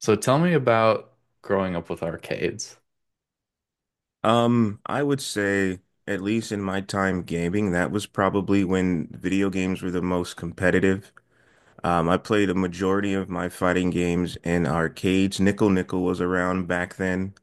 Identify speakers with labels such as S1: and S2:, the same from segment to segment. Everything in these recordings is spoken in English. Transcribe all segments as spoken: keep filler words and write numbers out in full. S1: So tell me about growing up with arcades.
S2: Um, I would say, at least in my time gaming, that was probably when video games were the most competitive. Um, I played a majority of my fighting games in arcades. Nickel Nickel was around back then.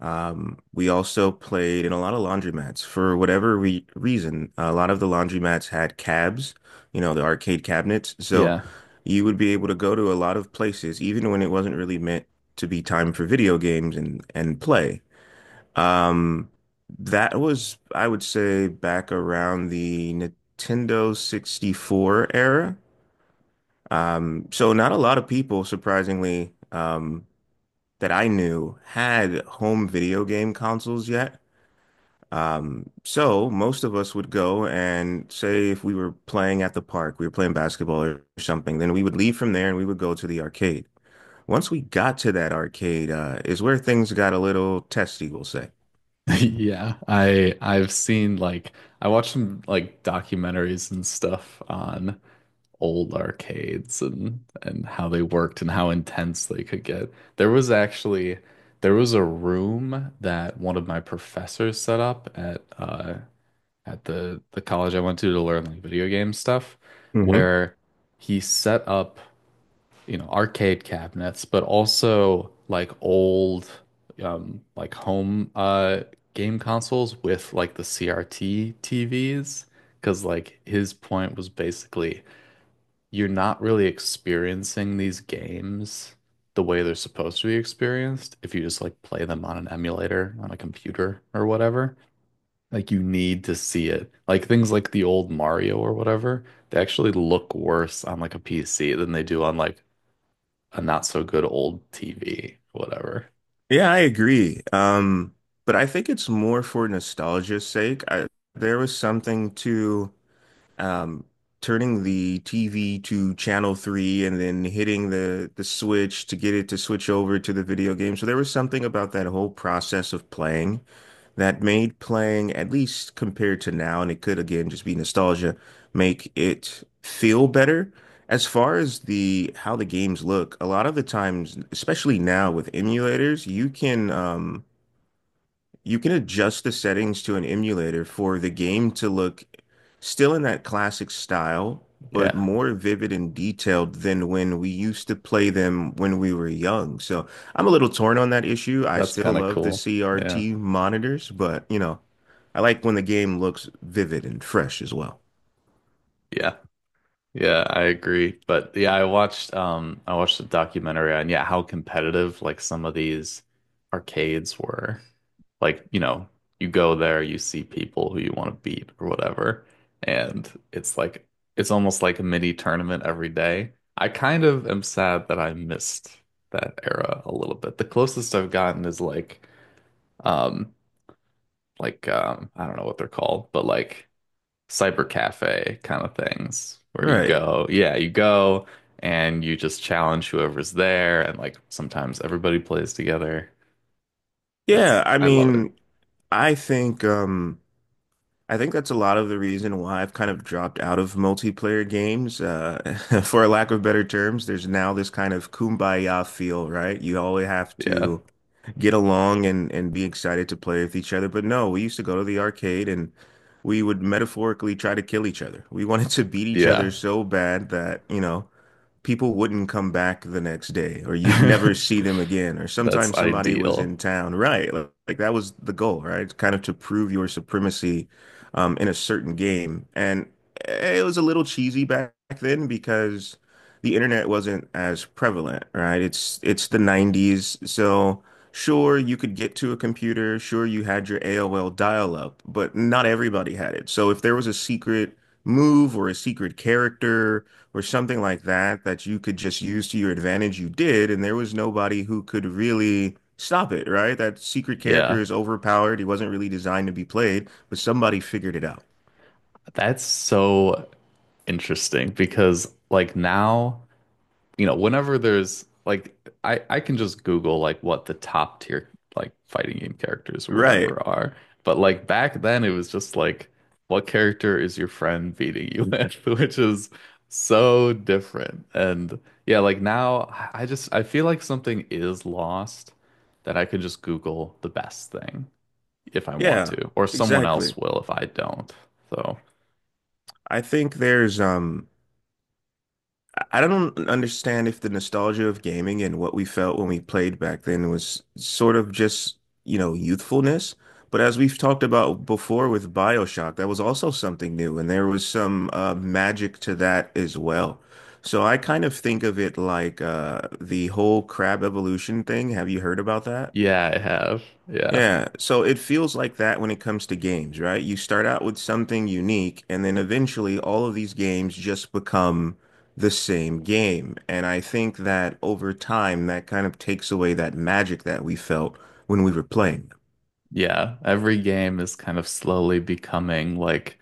S2: Um, we also played in a lot of laundromats. For whatever re reason, a lot of the laundromats had cabs, you know, the arcade cabinets. So
S1: Yeah.
S2: you would be able to go to a lot of places, even when it wasn't really meant to be time for video games and, and play. Um, that was, I would say, back around the Nintendo sixty-four era. Um, so not a lot of people, surprisingly, um, that I knew had home video game consoles yet. Um, so most of us would go and say if we were playing at the park, we were playing basketball or something, then we would leave from there and we would go to the arcade. Once we got to that arcade, uh, is where things got a little testy, we'll say.
S1: Yeah. I I've seen like I watched some like documentaries and stuff on old arcades and and how they worked and how intense they could get. There was actually there was a room that one of my professors set up at uh at the the college I went to to learn like video game stuff
S2: Hmm.
S1: where he set up, you know, arcade cabinets, but also like old um like home uh game consoles with like the C R T T Vs. Because like his point was basically you're not really experiencing these games the way they're supposed to be experienced if you just like play them on an emulator on a computer or whatever. Like you need to see it. Like things like the old Mario or whatever, they actually look worse on like a P C than they do on like a not so good old T V, whatever.
S2: Yeah, I agree. Um, but I think it's more for nostalgia's sake. I, there was something to um, turning the T V to channel three and then hitting the the switch to get it to switch over to the video game. So there was something about that whole process of playing that made playing, at least compared to now, and it could again just be nostalgia, make it feel better. As far as the how the games look, a lot of the times, especially now with emulators, you can um you can adjust the settings to an emulator for the game to look still in that classic style, but
S1: Yeah,
S2: more vivid and detailed than when we used to play them when we were young. So I'm a little torn on that issue. I
S1: that's
S2: still
S1: kind of
S2: love the
S1: cool. Yeah.
S2: C R T monitors, but you know, I like when the game looks vivid and fresh as well.
S1: Yeah. Yeah, I agree. But yeah, I watched um I watched a documentary on, yeah, how competitive like some of these arcades were. Like, you know, you go there, you see people who you want to beat or whatever, and it's like it's almost like a mini tournament every day. I kind of am sad that I missed that era a little bit. The closest I've gotten is like um like um I don't know what they're called, but like cyber cafe kind of things where you
S2: Right.
S1: go, yeah, you go and you just challenge whoever's there and like sometimes everybody plays together.
S2: Yeah,
S1: It's
S2: I
S1: I love it.
S2: mean, I think um I think that's a lot of the reason why I've kind of dropped out of multiplayer games. Uh, for a lack of better terms, there's now this kind of kumbaya feel, right? You always have
S1: Yeah.
S2: to get along and, and be excited to play with each other. But no, we used to go to the arcade and we would metaphorically try to kill each other. We wanted to beat each
S1: Yeah.
S2: other so bad that, you know, people wouldn't come back the next day or you'd never see them again or
S1: That's
S2: sometimes somebody was
S1: ideal.
S2: in town, right? like, like that was the goal, right, kind of to prove your supremacy um, in a certain game. And eh, it was a little cheesy back then because the internet wasn't as prevalent, right? It's it's the nineties. So sure you could get to a computer, sure you had your A O L dial-up, but not everybody had it. So if there was a secret move or a secret character or something like that that you could just use to your advantage, you did, and there was nobody who could really stop it, right? That secret character
S1: Yeah.
S2: is overpowered. He wasn't really designed to be played, but somebody figured it out.
S1: That's so interesting because like now, you know, whenever there's like I I can just Google like what the top tier like fighting game characters or
S2: Right.
S1: whatever are. But like back then it was just like what character is your friend beating you with, which is so different. And yeah, like now I I just I feel like something is lost that I can just Google the best thing if I want
S2: Yeah,
S1: to, or someone
S2: exactly.
S1: else will if I don't. So
S2: I think there's um I don't understand if the nostalgia of gaming and what we felt when we played back then was sort of just, you know, youthfulness. But as we've talked about before with BioShock, that was also something new, and there was some uh, magic to that as well. So I kind of think of it like uh, the whole crab evolution thing. Have you heard about that?
S1: yeah, I have. Yeah.
S2: Yeah, so it feels like that when it comes to games, right? You start out with something unique, and then eventually all of these games just become the same game. And I think that over time, that kind of takes away that magic that we felt when we were playing.
S1: Yeah, every game is kind of slowly becoming like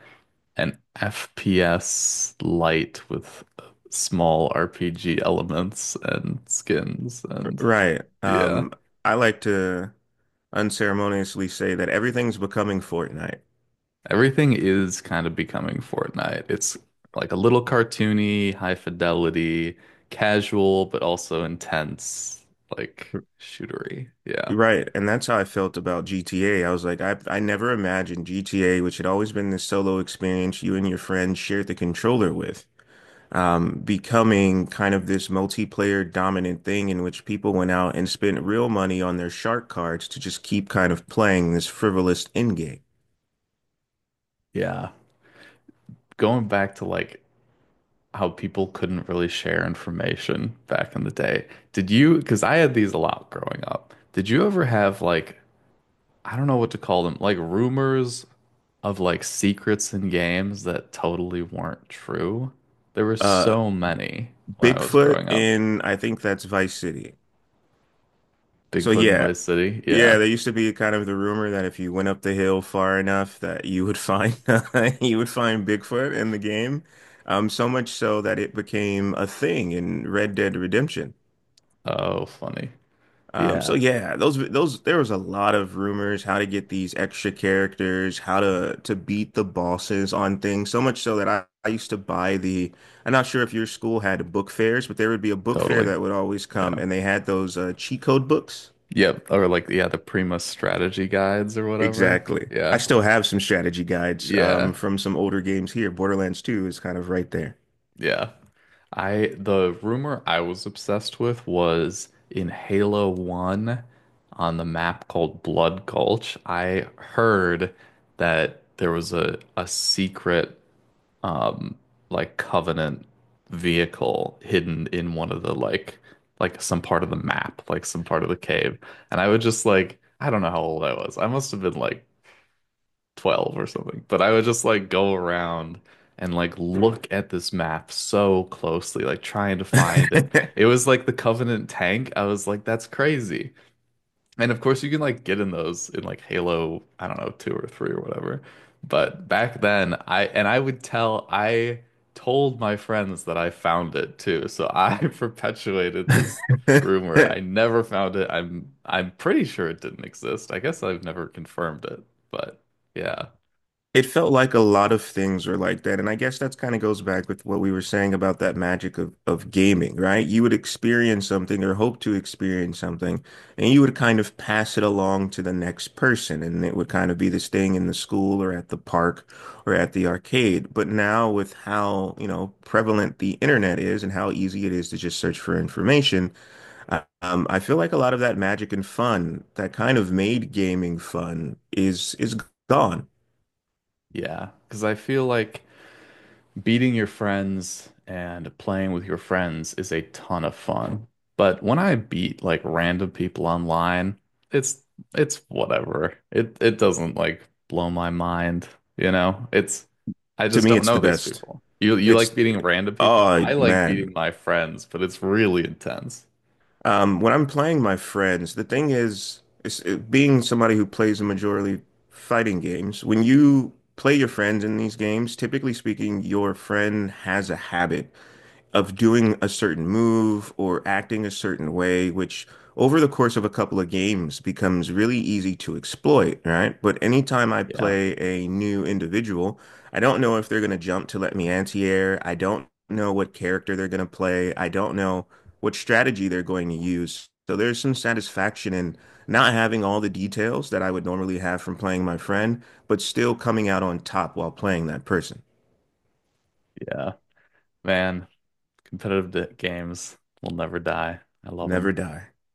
S1: an F P S light with uh, small R P G elements and skins and
S2: Right.
S1: yeah.
S2: Um, I like to unceremoniously say that everything's becoming Fortnite.
S1: Everything is kind of becoming Fortnite. It's like a little cartoony, high fidelity, casual, but also intense, like shootery. Yeah.
S2: Right, and that's how I felt about G T A. I was like, I I never imagined G T A, which had always been this solo experience you and your friends shared the controller with. Um, becoming kind of this multiplayer dominant thing in which people went out and spent real money on their shark cards to just keep kind of playing this frivolous end game.
S1: Yeah. Going back to like how people couldn't really share information back in the day. Did you, because I had these a lot growing up, did you ever have like, I don't know what to call them, like rumors of like secrets in games that totally weren't true? There were
S2: Uh,
S1: so many when I was
S2: Bigfoot
S1: growing up.
S2: in, I think that's Vice City. So
S1: Bigfoot in
S2: yeah,
S1: Vice City.
S2: yeah,
S1: Yeah.
S2: there used to be kind of the rumor that if you went up the hill far enough that you would find you would find Bigfoot in the game. Um, so much so that it became a thing in Red Dead Redemption.
S1: Oh, funny.
S2: Um, so
S1: Yeah,
S2: yeah, those those there was a lot of rumors how to get these extra characters, how to to beat the bosses on things. So much so that I, I used to buy the. I'm not sure if your school had book fairs, but there would be a book fair
S1: totally.
S2: that would always come,
S1: Yeah.
S2: and they had those uh, cheat code books.
S1: Yep. Or like, yeah, the Prima strategy guides or whatever.
S2: Exactly. I
S1: Yeah.
S2: still have some strategy guides um,
S1: Yeah.
S2: from some older games here. Borderlands two is kind of right there.
S1: Yeah. I The rumor I was obsessed with was in Halo one on the map called Blood Gulch. I heard that there was a a secret um like Covenant vehicle hidden in one of the like like some part of the map, like some part of the cave. And I would just like I don't know how old I was. I must have been like twelve or something. But I would just like go around and like look at this map so closely, like trying to find it. It was like the Covenant tank. I was like, that's crazy. And of course, you can like get in those in like Halo, I don't know, two or three or whatever. But back then, I and I would tell, I told my friends that I found it too. So I perpetuated this rumor. I never found it. I'm I'm pretty sure it didn't exist. I guess I've never confirmed it, but yeah.
S2: It felt like a lot of things were like that. And I guess that's kind of goes back with what we were saying about that magic of, of gaming, right? You would experience something or hope to experience something, and you would kind of pass it along to the next person. And it would kind of be this thing in the school or at the park or at the arcade. But now with how, you know, prevalent the internet is and how easy it is to just search for information, I- um, I feel like a lot of that magic and fun that kind of made gaming fun is is gone.
S1: Yeah, because I feel like beating your friends and playing with your friends is a ton of fun. But when I beat like random people online, it's it's whatever. It it doesn't like blow my mind, you know? It's I
S2: To
S1: just
S2: me,
S1: don't
S2: it's
S1: know
S2: the
S1: these
S2: best.
S1: people. You you like
S2: It's
S1: beating random people?
S2: oh
S1: I like
S2: man,
S1: beating my friends, but it's really intense.
S2: um, when I'm playing my friends, the thing is, is it, being somebody who plays a majorly fighting games, when you play your friends in these games, typically speaking, your friend has a habit of doing a certain move or acting a certain way, which over the course of a couple of games becomes really easy to exploit, right? But anytime I
S1: Yeah,
S2: play a new individual, I don't know if they're going to jump to let me anti-air. I don't know what character they're going to play. I don't know what strategy they're going to use. So there's some satisfaction in not having all the details that I would normally have from playing my friend, but still coming out on top while playing that person.
S1: yeah. Man, competitive d- games will never die. I love them.
S2: Never die.